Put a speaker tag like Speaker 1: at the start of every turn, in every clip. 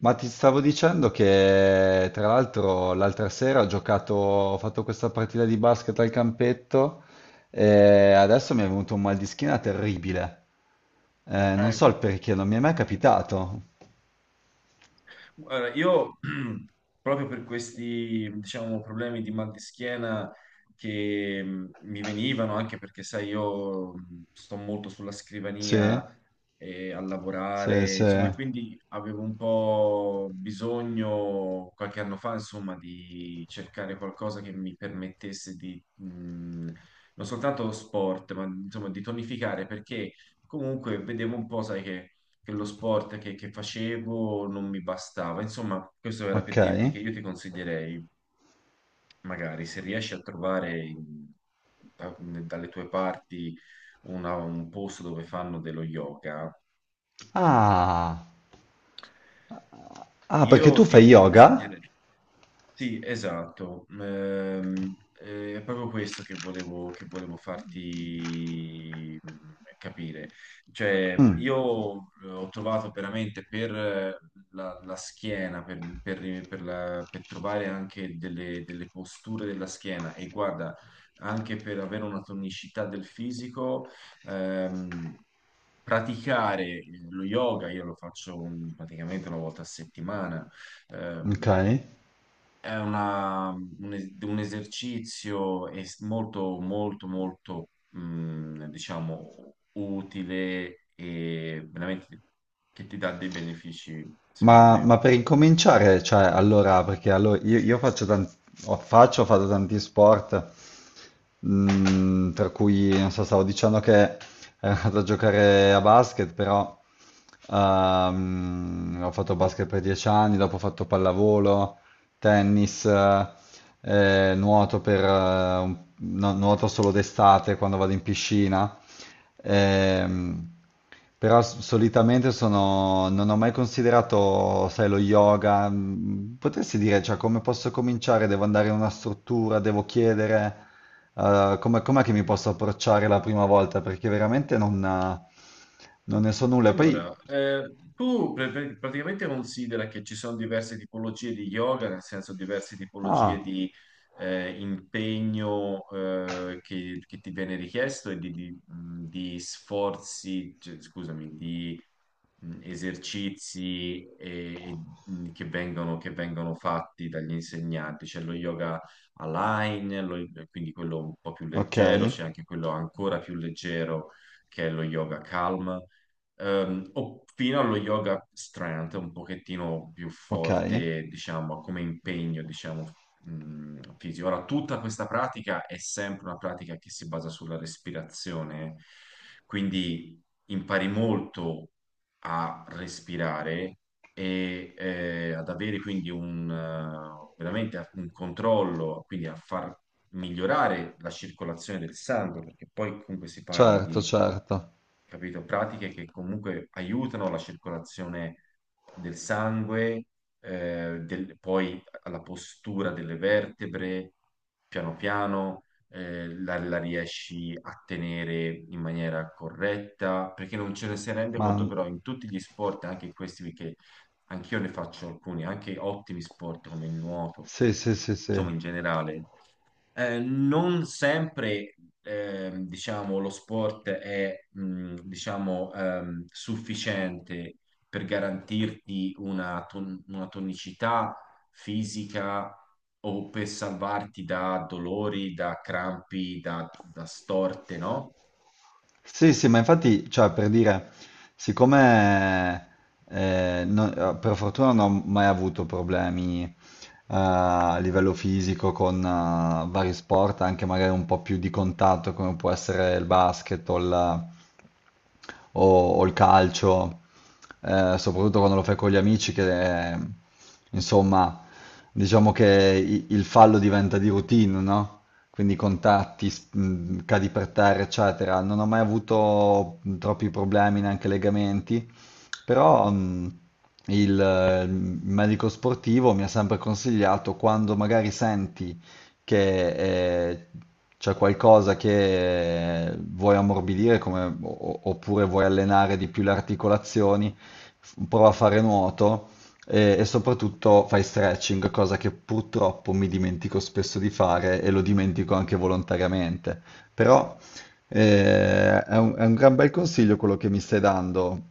Speaker 1: Ma ti stavo dicendo che tra l'altro l'altra sera ho giocato, ho fatto questa partita di basket al campetto e adesso mi è venuto un mal di schiena terribile. Non
Speaker 2: Eh,
Speaker 1: so il perché, non mi è mai capitato.
Speaker 2: guarda, io proprio per questi, diciamo, problemi di mal di schiena che mi venivano, anche perché, sai, io sto molto sulla
Speaker 1: Sì?
Speaker 2: scrivania e a
Speaker 1: Sì,
Speaker 2: lavorare,
Speaker 1: sì.
Speaker 2: insomma, e quindi avevo un po' bisogno qualche anno fa, insomma, di cercare qualcosa che mi permettesse di, non soltanto sport, ma insomma, di tonificare, perché comunque vedevo un po', sai che che lo sport che facevo non mi bastava. Insomma, questo era per
Speaker 1: Ok.
Speaker 2: dirti che io ti consiglierei, magari, se riesci a trovare dalle tue parti un posto dove fanno dello yoga,
Speaker 1: Ah, ah, perché
Speaker 2: io
Speaker 1: tu fai
Speaker 2: ti, ti
Speaker 1: yoga?
Speaker 2: consiglierei. Sì, esatto. È proprio questo che volevo farti capire. Cioè,
Speaker 1: Mm,
Speaker 2: io ho trovato veramente per eh, la schiena, per trovare anche delle posture della schiena e guarda, anche per avere una tonicità del fisico, ehm, praticare lo yoga, io lo faccio praticamente una volta a settimana.
Speaker 1: ok.
Speaker 2: Ehm, è un esercizio molto, diciamo, utile e veramente che ti dà dei benefici, secondo
Speaker 1: Ma,
Speaker 2: me.
Speaker 1: ma per incominciare, cioè, allora, io faccio tanti, ho fatto tanti sport, per cui, non so, stavo dicendo che ero andato a giocare a basket, però ho fatto basket per 10 anni, dopo ho fatto pallavolo, tennis, nuoto per, no, nuoto solo d'estate quando vado in piscina. Ehm, però solitamente non ho mai considerato, sai, lo yoga. Potresti dire, cioè, come posso cominciare? Devo andare in una struttura, devo chiedere, com'è che mi posso approcciare la prima volta? Perché veramente non ne so nulla. E
Speaker 2: Allora,
Speaker 1: poi,
Speaker 2: tu praticamente considera che ci sono diverse tipologie di yoga, nel senso diverse tipologie
Speaker 1: ah,
Speaker 2: di impegno che ti viene richiesto e di sforzi, cioè, scusami, di esercizi che vengono fatti dagli insegnanti. C'è lo yoga align, quindi quello un po' più
Speaker 1: ok,
Speaker 2: leggero, c'è anche quello ancora più leggero che è lo yoga calma o fino allo yoga strength, un pochettino più
Speaker 1: ok,
Speaker 2: forte, diciamo, come impegno, diciamo, fisico. Ora, tutta questa pratica è sempre una pratica che si basa sulla respirazione, quindi impari molto a respirare e ad avere quindi un, veramente un controllo, quindi a far migliorare la circolazione del sangue, perché poi comunque si parla
Speaker 1: certo,
Speaker 2: di
Speaker 1: certo.
Speaker 2: capito? Pratiche che comunque aiutano la circolazione del sangue, poi alla postura delle vertebre, piano piano, la riesci a tenere in maniera corretta, perché non ce ne si rende
Speaker 1: Ma
Speaker 2: conto, però in tutti gli sport, anche in questi che anch'io ne faccio alcuni, anche ottimi sport come il nuoto,
Speaker 1: sì, sì, sì,
Speaker 2: insomma
Speaker 1: sì.
Speaker 2: in generale, non sempre, diciamo, lo sport è, diciamo, sufficiente per garantirti una tonicità fisica o per salvarti da dolori, da crampi, da storte, no?
Speaker 1: Sì, sì, ma infatti, cioè, per dire, siccome per fortuna non ho mai avuto problemi a livello fisico con vari sport, anche magari un po' più di contatto, come può essere il basket o, o il calcio, soprattutto quando lo fai con gli amici, che insomma, diciamo che il fallo diventa di routine, no? Quindi contatti, cadi per terra, eccetera. Non ho mai avuto troppi problemi, neanche legamenti, però il medico sportivo mi ha sempre consigliato quando magari senti che c'è qualcosa che vuoi ammorbidire oppure vuoi allenare di più le articolazioni, prova a fare nuoto e soprattutto fai stretching, cosa che purtroppo mi dimentico spesso di fare e lo dimentico anche volontariamente. Però è un gran bel consiglio quello che mi stai dando.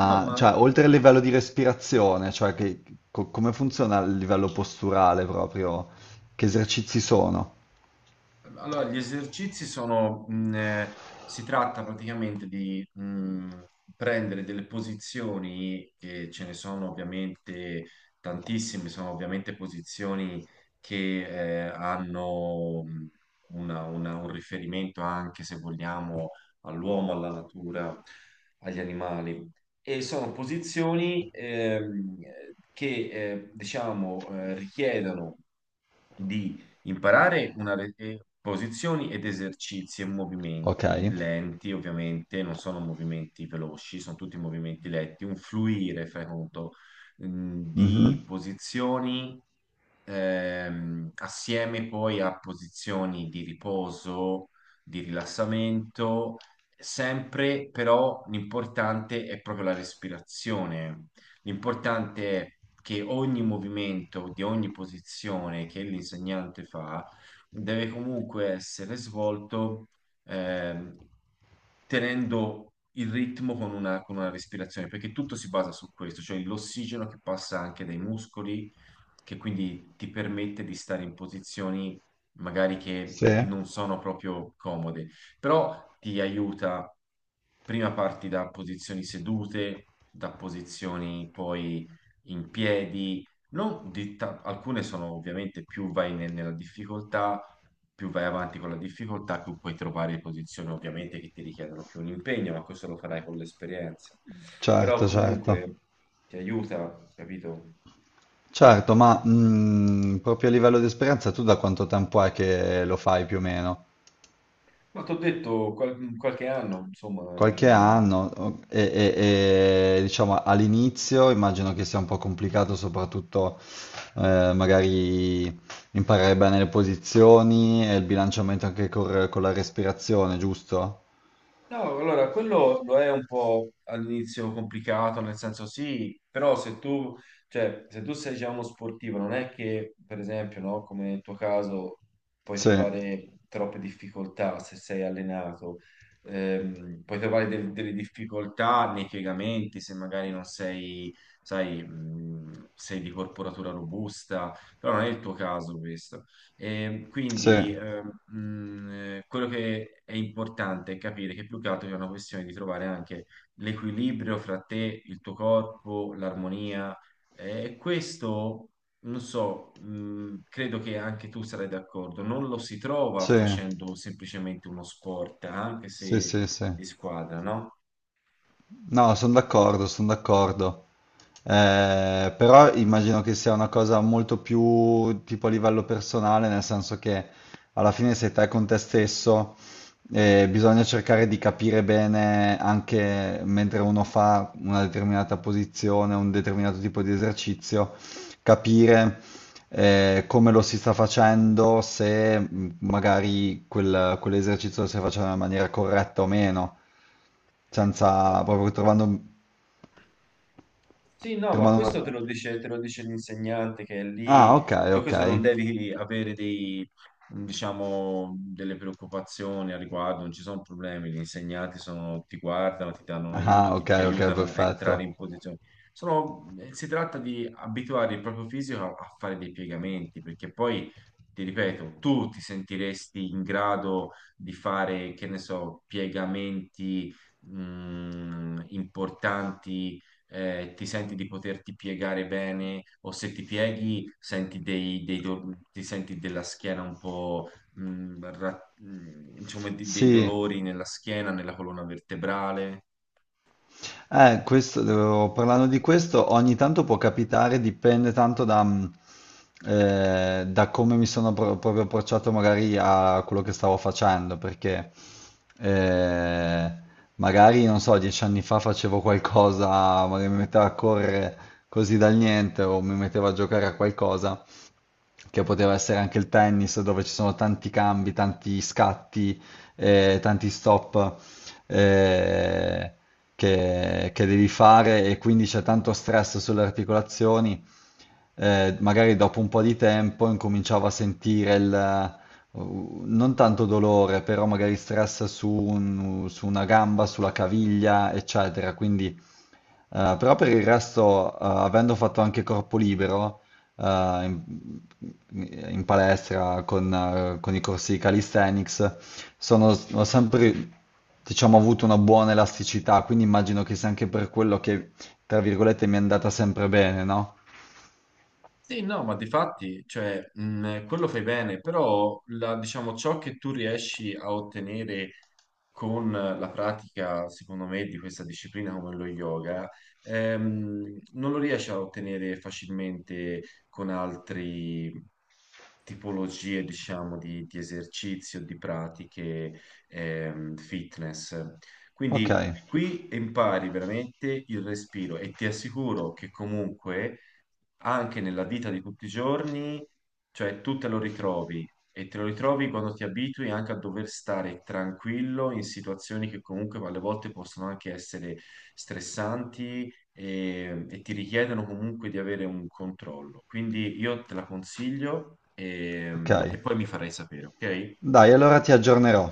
Speaker 2: No, ma
Speaker 1: cioè,
Speaker 2: eh,
Speaker 1: oltre al livello di respirazione, come funziona il livello posturale proprio? Che esercizi sono?
Speaker 2: allora, gli esercizi sono, si tratta praticamente di prendere delle posizioni, che ce ne sono ovviamente tantissime, sono ovviamente posizioni che hanno un riferimento anche, se vogliamo, all'uomo, alla natura, agli animali. E sono posizioni che, diciamo, richiedono di imparare posizioni ed esercizi e
Speaker 1: Ok.
Speaker 2: movimenti lenti, ovviamente, non sono movimenti veloci, sono tutti movimenti lenti, un fluire, fai conto, di
Speaker 1: Mhm.
Speaker 2: posizioni assieme poi a posizioni di riposo, di rilassamento, sempre però l'importante è proprio la respirazione. L'importante è che ogni movimento di ogni posizione che l'insegnante fa deve comunque essere svolto ehm, tenendo il ritmo con con una respirazione, perché tutto si basa su questo, cioè l'ossigeno che passa anche dai muscoli, che quindi ti permette di stare in posizioni magari che
Speaker 1: Sì,
Speaker 2: non sono proprio comode però ti aiuta, prima parti da posizioni sedute, da posizioni poi in piedi, non di ta- alcune sono ovviamente più nella difficoltà, più vai avanti con la difficoltà, più puoi trovare posizioni ovviamente che ti richiedono più un impegno, ma questo lo farai con l'esperienza. Però
Speaker 1: certo, certo.
Speaker 2: comunque ti aiuta, capito?
Speaker 1: Certo, ma proprio a livello di esperienza tu da quanto tempo è che lo fai più o meno?
Speaker 2: Ma ti ho detto qualche anno, insomma,
Speaker 1: Qualche
Speaker 2: ehm.
Speaker 1: anno diciamo all'inizio immagino che sia un po' complicato soprattutto magari imparare bene le posizioni e il bilanciamento anche con la respirazione, giusto?
Speaker 2: No, allora quello lo è un po' all'inizio complicato, nel senso sì, però se tu, cioè, se tu sei già uno sportivo, non è che, per esempio, no, come nel tuo caso, puoi
Speaker 1: Sì,
Speaker 2: trovare troppe difficoltà se sei allenato. Puoi trovare delle difficoltà nei piegamenti se magari non sei, sai, sei di corporatura robusta, però non è il tuo caso questo. E
Speaker 1: sì,
Speaker 2: quindi quello che è importante è capire che più che altro è una questione di trovare anche l'equilibrio fra te, il tuo corpo, l'armonia. E questo, non so, credo che anche tu sarai d'accordo, non lo si trova
Speaker 1: sì,
Speaker 2: facendo semplicemente uno sport, anche
Speaker 1: sì,
Speaker 2: se
Speaker 1: sì, sì.
Speaker 2: di squadra,
Speaker 1: No, sono d'accordo, sono d'accordo. Però immagino che sia una cosa molto più tipo a livello personale, nel senso che alla fine sei te con te stesso e bisogna cercare di capire bene anche mentre uno fa una determinata posizione, un determinato tipo di esercizio, capire come lo si sta facendo, se magari quell'esercizio lo stai facendo in maniera corretta o meno, senza
Speaker 2: no?
Speaker 1: proprio trovando,
Speaker 2: Sì, no, ma
Speaker 1: trovando
Speaker 2: questo
Speaker 1: una...
Speaker 2: te lo dice l'insegnante che è lì,
Speaker 1: Ah, ok,
Speaker 2: per
Speaker 1: ok.
Speaker 2: questo non devi avere dei, diciamo, delle preoccupazioni al riguardo, non ci sono problemi, gli insegnanti sono- ti guardano, ti danno un aiuto,
Speaker 1: Ah, ok,
Speaker 2: ti
Speaker 1: ok,
Speaker 2: aiutano a entrare
Speaker 1: perfetto.
Speaker 2: in posizione. Sono- si tratta di abituare il proprio fisico a fare dei piegamenti, perché poi, ti ripeto, tu ti sentiresti in grado di fare, che ne so, piegamenti, importanti, ti senti di poterti piegare bene o se ti pieghi senti ti senti della schiena un po', insomma, dei
Speaker 1: Sì.
Speaker 2: dolori nella schiena, nella colonna vertebrale.
Speaker 1: Parlando di questo, ogni tanto può capitare, dipende tanto da, da come mi sono proprio approcciato magari a quello che stavo facendo, perché eh, magari, non so, 10 anni fa facevo qualcosa, magari mi mettevo a correre così dal niente o mi mettevo a giocare a qualcosa che poteva essere anche il tennis, dove ci sono tanti cambi, tanti scatti, tanti stop eh, che devi fare e quindi c'è tanto stress sulle articolazioni. Magari dopo un po' di tempo incominciavo a sentire non tanto dolore, però magari stress su una gamba, sulla caviglia, eccetera. Quindi però per il resto, avendo fatto anche corpo libero eh, in, in palestra con i corsi di calisthenics, ho sempre, diciamo, avuto una buona elasticità, quindi immagino che sia anche per quello che, tra virgolette, mi è andata sempre bene, no?
Speaker 2: Sì, no, ma di fatti, cioè, quello fai bene, però diciamo, ciò che tu riesci a ottenere con la pratica, secondo me, di questa disciplina come lo yoga, non lo riesce a ottenere facilmente con altre tipologie, diciamo, di esercizio, di pratiche, fitness.
Speaker 1: Ok,
Speaker 2: Quindi qui impari veramente il respiro e ti assicuro che comunque anche nella vita di tutti i giorni, cioè tu te lo ritrovi e te lo ritrovi quando ti abitui anche a dover stare tranquillo in situazioni che comunque alle volte possono anche essere stressanti e ti richiedono comunque di avere un controllo. Quindi io te la consiglio
Speaker 1: ok.
Speaker 2: e poi mi farai sapere, ok?
Speaker 1: Dai, allora ti aggiornerò.